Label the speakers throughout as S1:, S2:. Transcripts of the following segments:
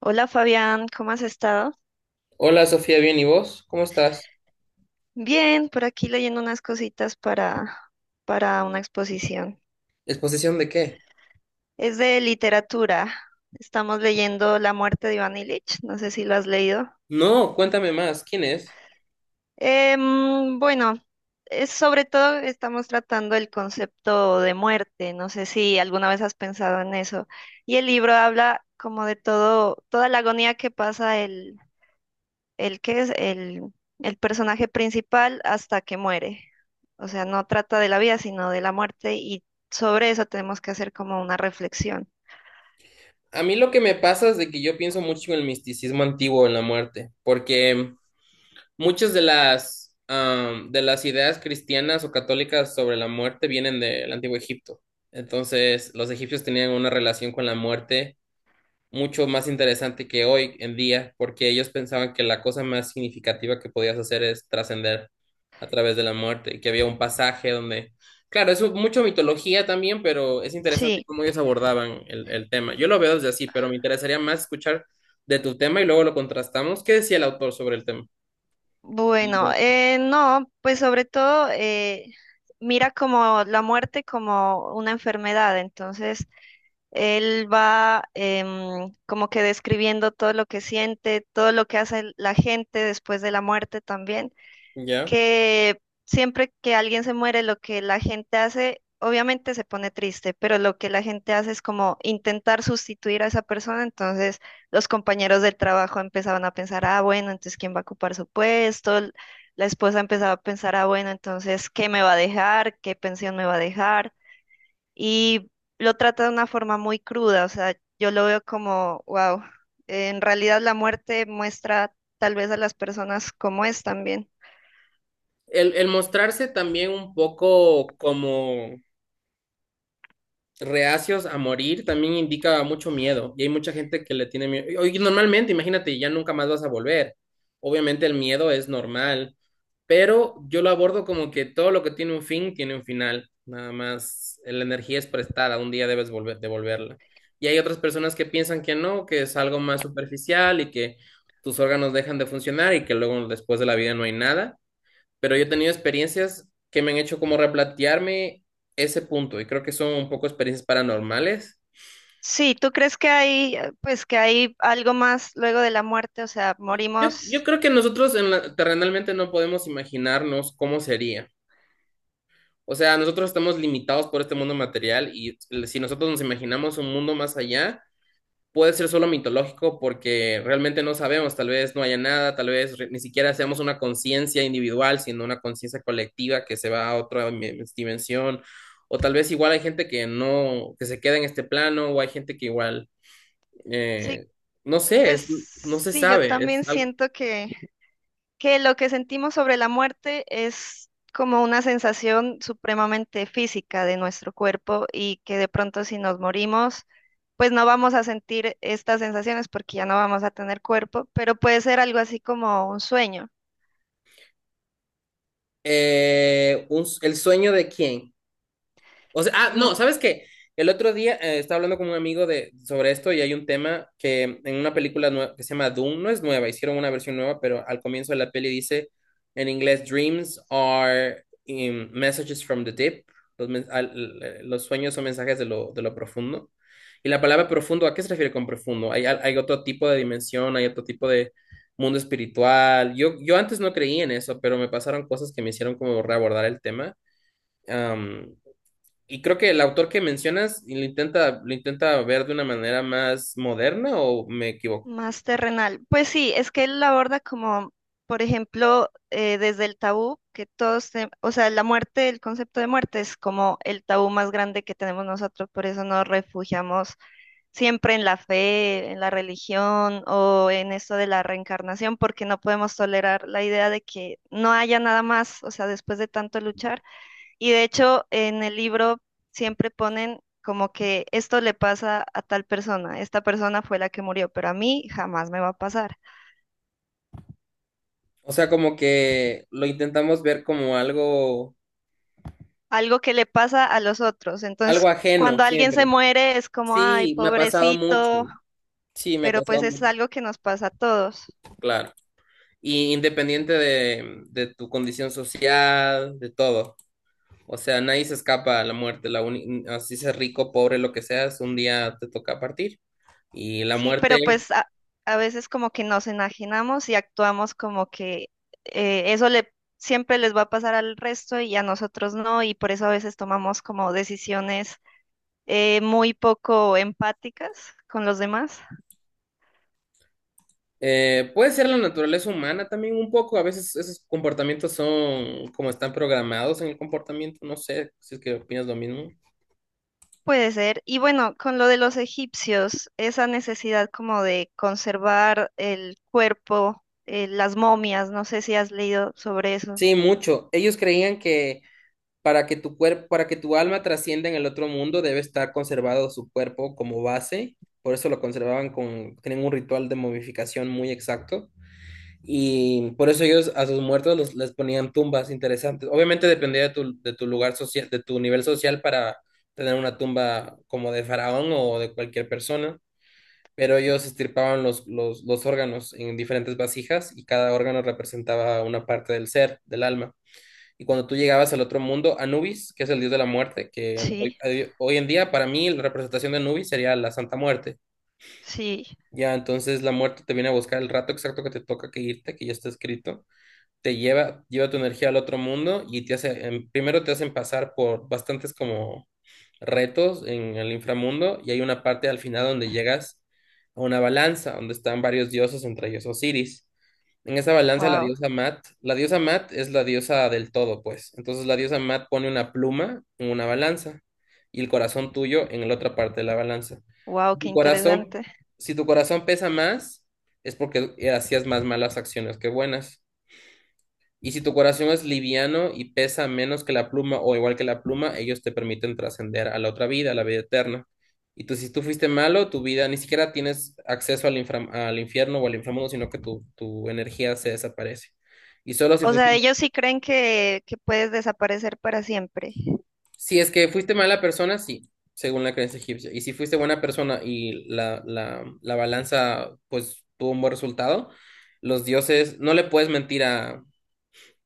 S1: Hola Fabián, ¿cómo has estado?
S2: Hola Sofía, bien, ¿y vos? ¿Cómo estás?
S1: Bien, por aquí leyendo unas cositas para una exposición.
S2: ¿Exposición de qué?
S1: Es de literatura. Estamos leyendo La muerte de Iván Ilich, no sé si lo has leído.
S2: No, cuéntame más, ¿quién es?
S1: Bueno, es sobre todo estamos tratando el concepto de muerte, no sé si alguna vez has pensado en eso. Y el libro habla como de todo, toda la agonía que pasa el que es el personaje principal hasta que muere. O sea, no trata de la vida, sino de la muerte y sobre eso tenemos que hacer como una reflexión.
S2: A mí lo que me pasa es de que yo pienso mucho en el misticismo antiguo, en la muerte, porque muchas de las, de las ideas cristianas o católicas sobre la muerte vienen del Antiguo Egipto. Entonces, los egipcios tenían una relación con la muerte mucho más interesante que hoy en día, porque ellos pensaban que la cosa más significativa que podías hacer es trascender a través de la muerte, y que había un pasaje donde, claro, es mucho mitología también, pero es interesante
S1: Sí,
S2: cómo ellos abordaban el tema. Yo lo veo desde así, pero me interesaría más escuchar de tu tema y luego lo contrastamos. ¿Qué decía el autor sobre el tema?
S1: bueno, no, pues sobre todo mira como la muerte como una enfermedad, entonces él va como que describiendo todo lo que siente, todo lo que hace la gente después de la muerte también.
S2: ¿Ya?
S1: Que siempre que alguien se muere, lo que la gente hace, obviamente se pone triste, pero lo que la gente hace es como intentar sustituir a esa persona. Entonces, los compañeros del trabajo empezaban a pensar, ah, bueno, entonces, ¿quién va a ocupar su puesto? L- La esposa empezaba a pensar, ah, bueno, entonces, ¿qué me va a dejar? ¿Qué pensión me va a dejar? Y lo trata de una forma muy cruda, o sea, yo lo veo como, wow, en realidad la muerte muestra tal vez a las personas como es también.
S2: El mostrarse también un poco como reacios a morir también indica mucho miedo y hay mucha gente que le tiene miedo. Oye, normalmente, imagínate, ya nunca más vas a volver. Obviamente el miedo es normal, pero yo lo abordo como que todo lo que tiene un fin tiene un final, nada más la energía es prestada, un día debes volver, devolverla. Y hay otras personas que piensan que no, que es algo más superficial y que tus órganos dejan de funcionar y que luego después de la vida no hay nada, pero yo he tenido experiencias que me han hecho como replantearme ese punto y creo que son un poco experiencias paranormales.
S1: Sí, ¿tú crees que hay, pues, que hay algo más luego de la muerte? O sea,
S2: Yo
S1: morimos.
S2: creo que nosotros en la- terrenalmente no podemos imaginarnos cómo sería. O sea, nosotros estamos limitados por este mundo material y si nosotros nos imaginamos un mundo más allá, puede ser solo mitológico porque realmente no sabemos, tal vez no haya nada, tal vez re- ni siquiera seamos una conciencia individual, sino una conciencia colectiva que se va a otra mi- dimensión, o tal vez igual hay gente que no, que se queda en este plano, o hay gente que igual,
S1: Sí,
S2: eh, no sé,
S1: pues
S2: es- no se
S1: sí, yo
S2: sabe, es
S1: también
S2: algo-
S1: siento que lo que sentimos sobre la muerte es como una sensación supremamente física de nuestro cuerpo y que de pronto si nos morimos, pues no vamos a sentir estas sensaciones porque ya no vamos a tener cuerpo, pero puede ser algo así como un sueño.
S2: Un- el sueño de quién. O sea, ah, no, ¿sabes qué? El otro día estaba hablando con un amigo de, sobre esto y hay un tema que en una película nue- que se llama Doom, no es nueva, hicieron una versión nueva, pero al comienzo de la peli dice en inglés, Dreams are messages from the deep, los, men- al- los sueños son mensajes de lo profundo. Y la palabra profundo, ¿a qué se refiere con profundo? Hay, al- hay otro tipo de dimensión, hay otro tipo de mundo espiritual. Yo antes no creí en eso, pero me pasaron cosas que me hicieron como reabordar el tema. Y creo que el autor que mencionas lo intenta ver de una manera más moderna o me equivoco.
S1: Más terrenal. Pues sí, es que él la aborda como, por ejemplo, desde el tabú, que todos, te- o sea, la muerte, el concepto de muerte es como el tabú más grande que tenemos nosotros, por eso nos refugiamos siempre en la fe, en la religión o en esto de la reencarnación, porque no podemos tolerar la idea de que no haya nada más, o sea, después de tanto luchar. Y de hecho, en el libro siempre ponen como que esto le pasa a tal persona, esta persona fue la que murió, pero a mí jamás me va a pasar.
S2: O sea, como que lo intentamos ver como algo,
S1: Algo que le pasa a los otros. Entonces,
S2: algo ajeno
S1: cuando alguien se
S2: siempre.
S1: muere es como, ay,
S2: Sí, me ha pasado mucho.
S1: pobrecito,
S2: Sí, me ha
S1: pero
S2: pasado
S1: pues es
S2: mucho,
S1: algo que nos pasa a todos.
S2: claro. Y independiente de tu condición social, de todo. O sea, nadie se escapa a la muerte. La uni- así seas rico, pobre, lo que seas, un día te toca partir. Y la
S1: Sí, pero
S2: muerte.
S1: pues a veces como que nos enajenamos y actuamos como que eso le siempre les va a pasar al resto y a nosotros no, y por eso a veces tomamos como decisiones muy poco empáticas con los demás.
S2: Puede ser la naturaleza humana también un poco, a veces esos comportamientos son como están programados en el comportamiento, no sé si es que opinas lo mismo.
S1: Puede ser. Y bueno, con lo de los egipcios, esa necesidad como de conservar el cuerpo, las momias, no sé si has leído sobre eso.
S2: Sí, mucho. Ellos creían que para que tu cuerpo, para que tu alma trascienda en el otro mundo, debe estar conservado su cuerpo como base, por eso lo conservaban con, tienen un ritual de momificación muy exacto. Y por eso ellos a sus muertos los- les ponían tumbas interesantes. Obviamente dependía de tu lugar social, de tu nivel social para tener una tumba como de faraón o de cualquier persona, pero ellos estirpaban los órganos en diferentes vasijas y cada órgano representaba una parte del ser, del alma. Y cuando tú llegabas al otro mundo, Anubis, que es el dios de la muerte, que
S1: Sí,
S2: hoy, hoy en día para mí la representación de Anubis sería la Santa Muerte.
S1: sí,
S2: Ya, entonces la muerte te viene a buscar el rato exacto que te toca que irte, que ya está escrito, te lleva, lleva tu energía al otro mundo y te hace, primero te hacen pasar por bastantes como retos en el inframundo y hay una parte al final donde llegas a una balanza donde están varios dioses, entre ellos Osiris. En esa balanza
S1: wow,
S2: la diosa Mat es la diosa del todo, pues. Entonces la diosa Mat pone una pluma en una balanza y el corazón tuyo en la otra parte de la balanza.
S1: wow,
S2: Si
S1: qué
S2: Tu corazón,
S1: interesante.
S2: si tu corazón pesa más, es porque hacías más malas acciones que buenas. Y si tu corazón es liviano y pesa menos que la pluma o igual que la pluma, ellos te permiten trascender a la otra vida, a la vida eterna. Y tú, si tú fuiste malo, tu vida ni siquiera tienes acceso al, infra- al infierno o al inframundo, sino que tu energía se desaparece. Y solo si
S1: O
S2: fuiste,
S1: sea, ellos sí creen que puedes desaparecer para siempre.
S2: si es que fuiste mala persona, sí, según la creencia egipcia. Y si fuiste buena persona y la balanza, pues, tuvo un buen resultado, los dioses, no le puedes mentir a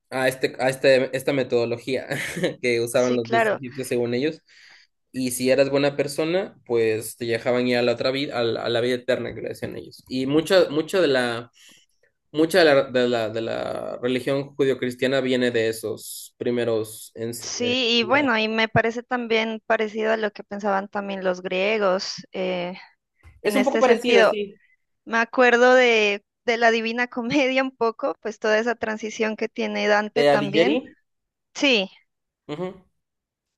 S2: a, este, a este- esta metodología que usaban
S1: Sí,
S2: los dioses
S1: claro.
S2: egipcios según ellos. Y si eras buena persona, pues te dejaban ir a la otra vida, a la vida eterna que le decían ellos. Y mucha, mucha de la, de la, de la religión judio-cristiana viene de esos primeros ens-
S1: Sí, y
S2: ideas.
S1: bueno, y me parece también parecido a lo que pensaban también los griegos
S2: Es
S1: en
S2: un poco
S1: este
S2: parecido,
S1: sentido.
S2: sí,
S1: Me acuerdo de la Divina Comedia un poco, pues toda esa transición que tiene Dante
S2: de
S1: también.
S2: Alighieri.
S1: Sí,
S2: Ujú.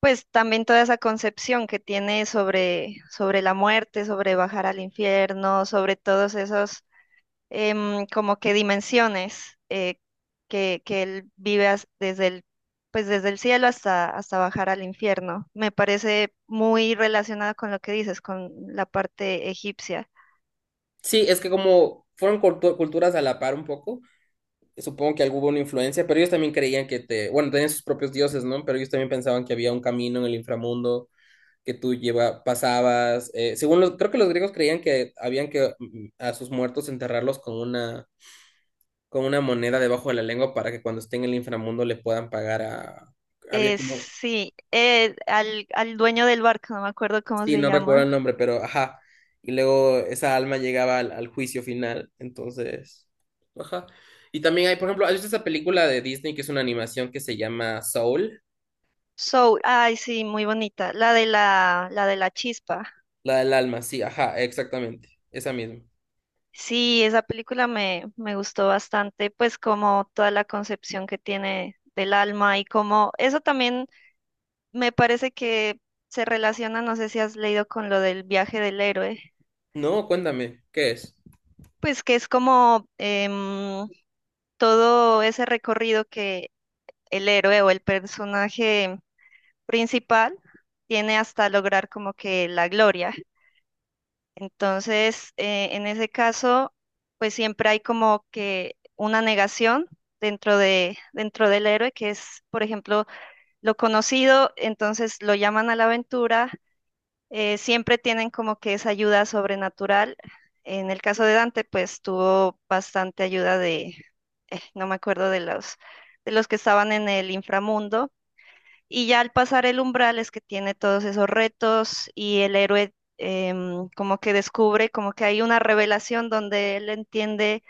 S1: pues también toda esa concepción que tiene sobre, sobre la muerte, sobre bajar al infierno, sobre todos esos como que dimensiones que él vive as- desde el, pues desde el cielo hasta, hasta bajar al infierno. Me parece muy relacionada con lo que dices, con la parte egipcia.
S2: Sí, es que como fueron cultu- culturas a la par un poco. Supongo que hubo una influencia, pero ellos también creían que te, bueno, tenían sus propios dioses, ¿no? Pero ellos también pensaban que había un camino en el inframundo que tú lleva, pasabas. Según los, creo que los griegos creían que habían que a sus muertos enterrarlos con una moneda debajo de la lengua para que cuando estén en el inframundo le puedan pagar a, había como,
S1: Sí, al, al dueño del barco, no me acuerdo cómo
S2: sí,
S1: se
S2: no recuerdo
S1: llama.
S2: el nombre, pero ajá. Y luego esa alma llegaba al, al juicio final, entonces, ajá. Y también hay, por ejemplo, hay esta película de Disney que es una animación que se llama Soul.
S1: Soul, ay, sí, muy bonita. La de la chispa.
S2: La del alma, sí, ajá, exactamente. Esa misma.
S1: Sí, esa película me, me gustó bastante, pues como toda la concepción que tiene del alma y como eso también me parece que se relaciona, no sé si has leído con lo del viaje del héroe,
S2: No, cuéntame, ¿qué es?
S1: pues que es como todo ese recorrido que el héroe o el personaje principal tiene hasta lograr como que la gloria. Entonces, en ese caso, pues siempre hay como que una negación dentro de, dentro del héroe, que es, por ejemplo, lo conocido, entonces lo llaman a la aventura, siempre tienen como que esa ayuda sobrenatural. En el caso de Dante, pues tuvo bastante ayuda de, no me acuerdo de los que estaban en el inframundo y ya al pasar el umbral es que tiene todos esos retos y el héroe como que descubre, como que hay una revelación donde él entiende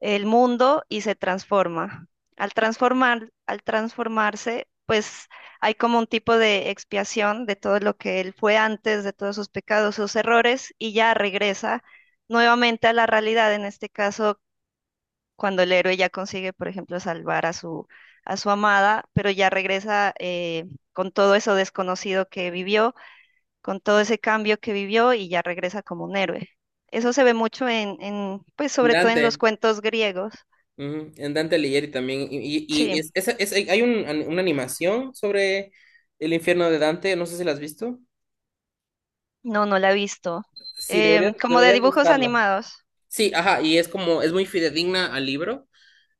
S1: el mundo y se transforma. Al transformar, al transformarse, pues hay como un tipo de expiación de todo lo que él fue antes, de todos sus pecados, sus errores, y ya regresa nuevamente a la realidad, en este caso cuando el héroe ya consigue, por ejemplo, salvar a su amada, pero ya regresa con todo eso desconocido que vivió, con todo ese cambio que vivió y ya regresa como un héroe. Eso se ve mucho en, pues sobre todo en los
S2: Dante.
S1: cuentos griegos.
S2: Ujú, en Dante Alighieri también. Y
S1: Sí,
S2: es, esa- es- hay un- una animación sobre el infierno de Dante, no sé si la has visto.
S1: no, no la he visto.
S2: Sí, deberías,
S1: Como de
S2: deberías
S1: dibujos
S2: buscarla.
S1: animados.
S2: Sí, ajá, y es como, es muy fidedigna al libro.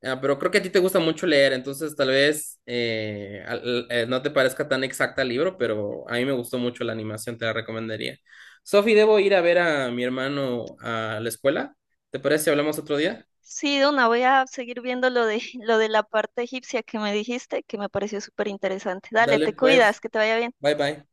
S2: Ah, pero creo que a ti te gusta mucho leer, entonces tal vez al- no te parezca tan exacta el libro, pero a mí me gustó mucho la animación, te la recomendaría. Sofi, debo ir a ver a mi hermano a la escuela. ¿Te parece si hablamos otro día?
S1: Sí, Duna, voy a seguir viendo lo de, lo de la parte egipcia que me dijiste, que me pareció súper interesante. Dale,
S2: Dale
S1: te
S2: pues,
S1: cuidas, que te vaya bien.
S2: bye bye.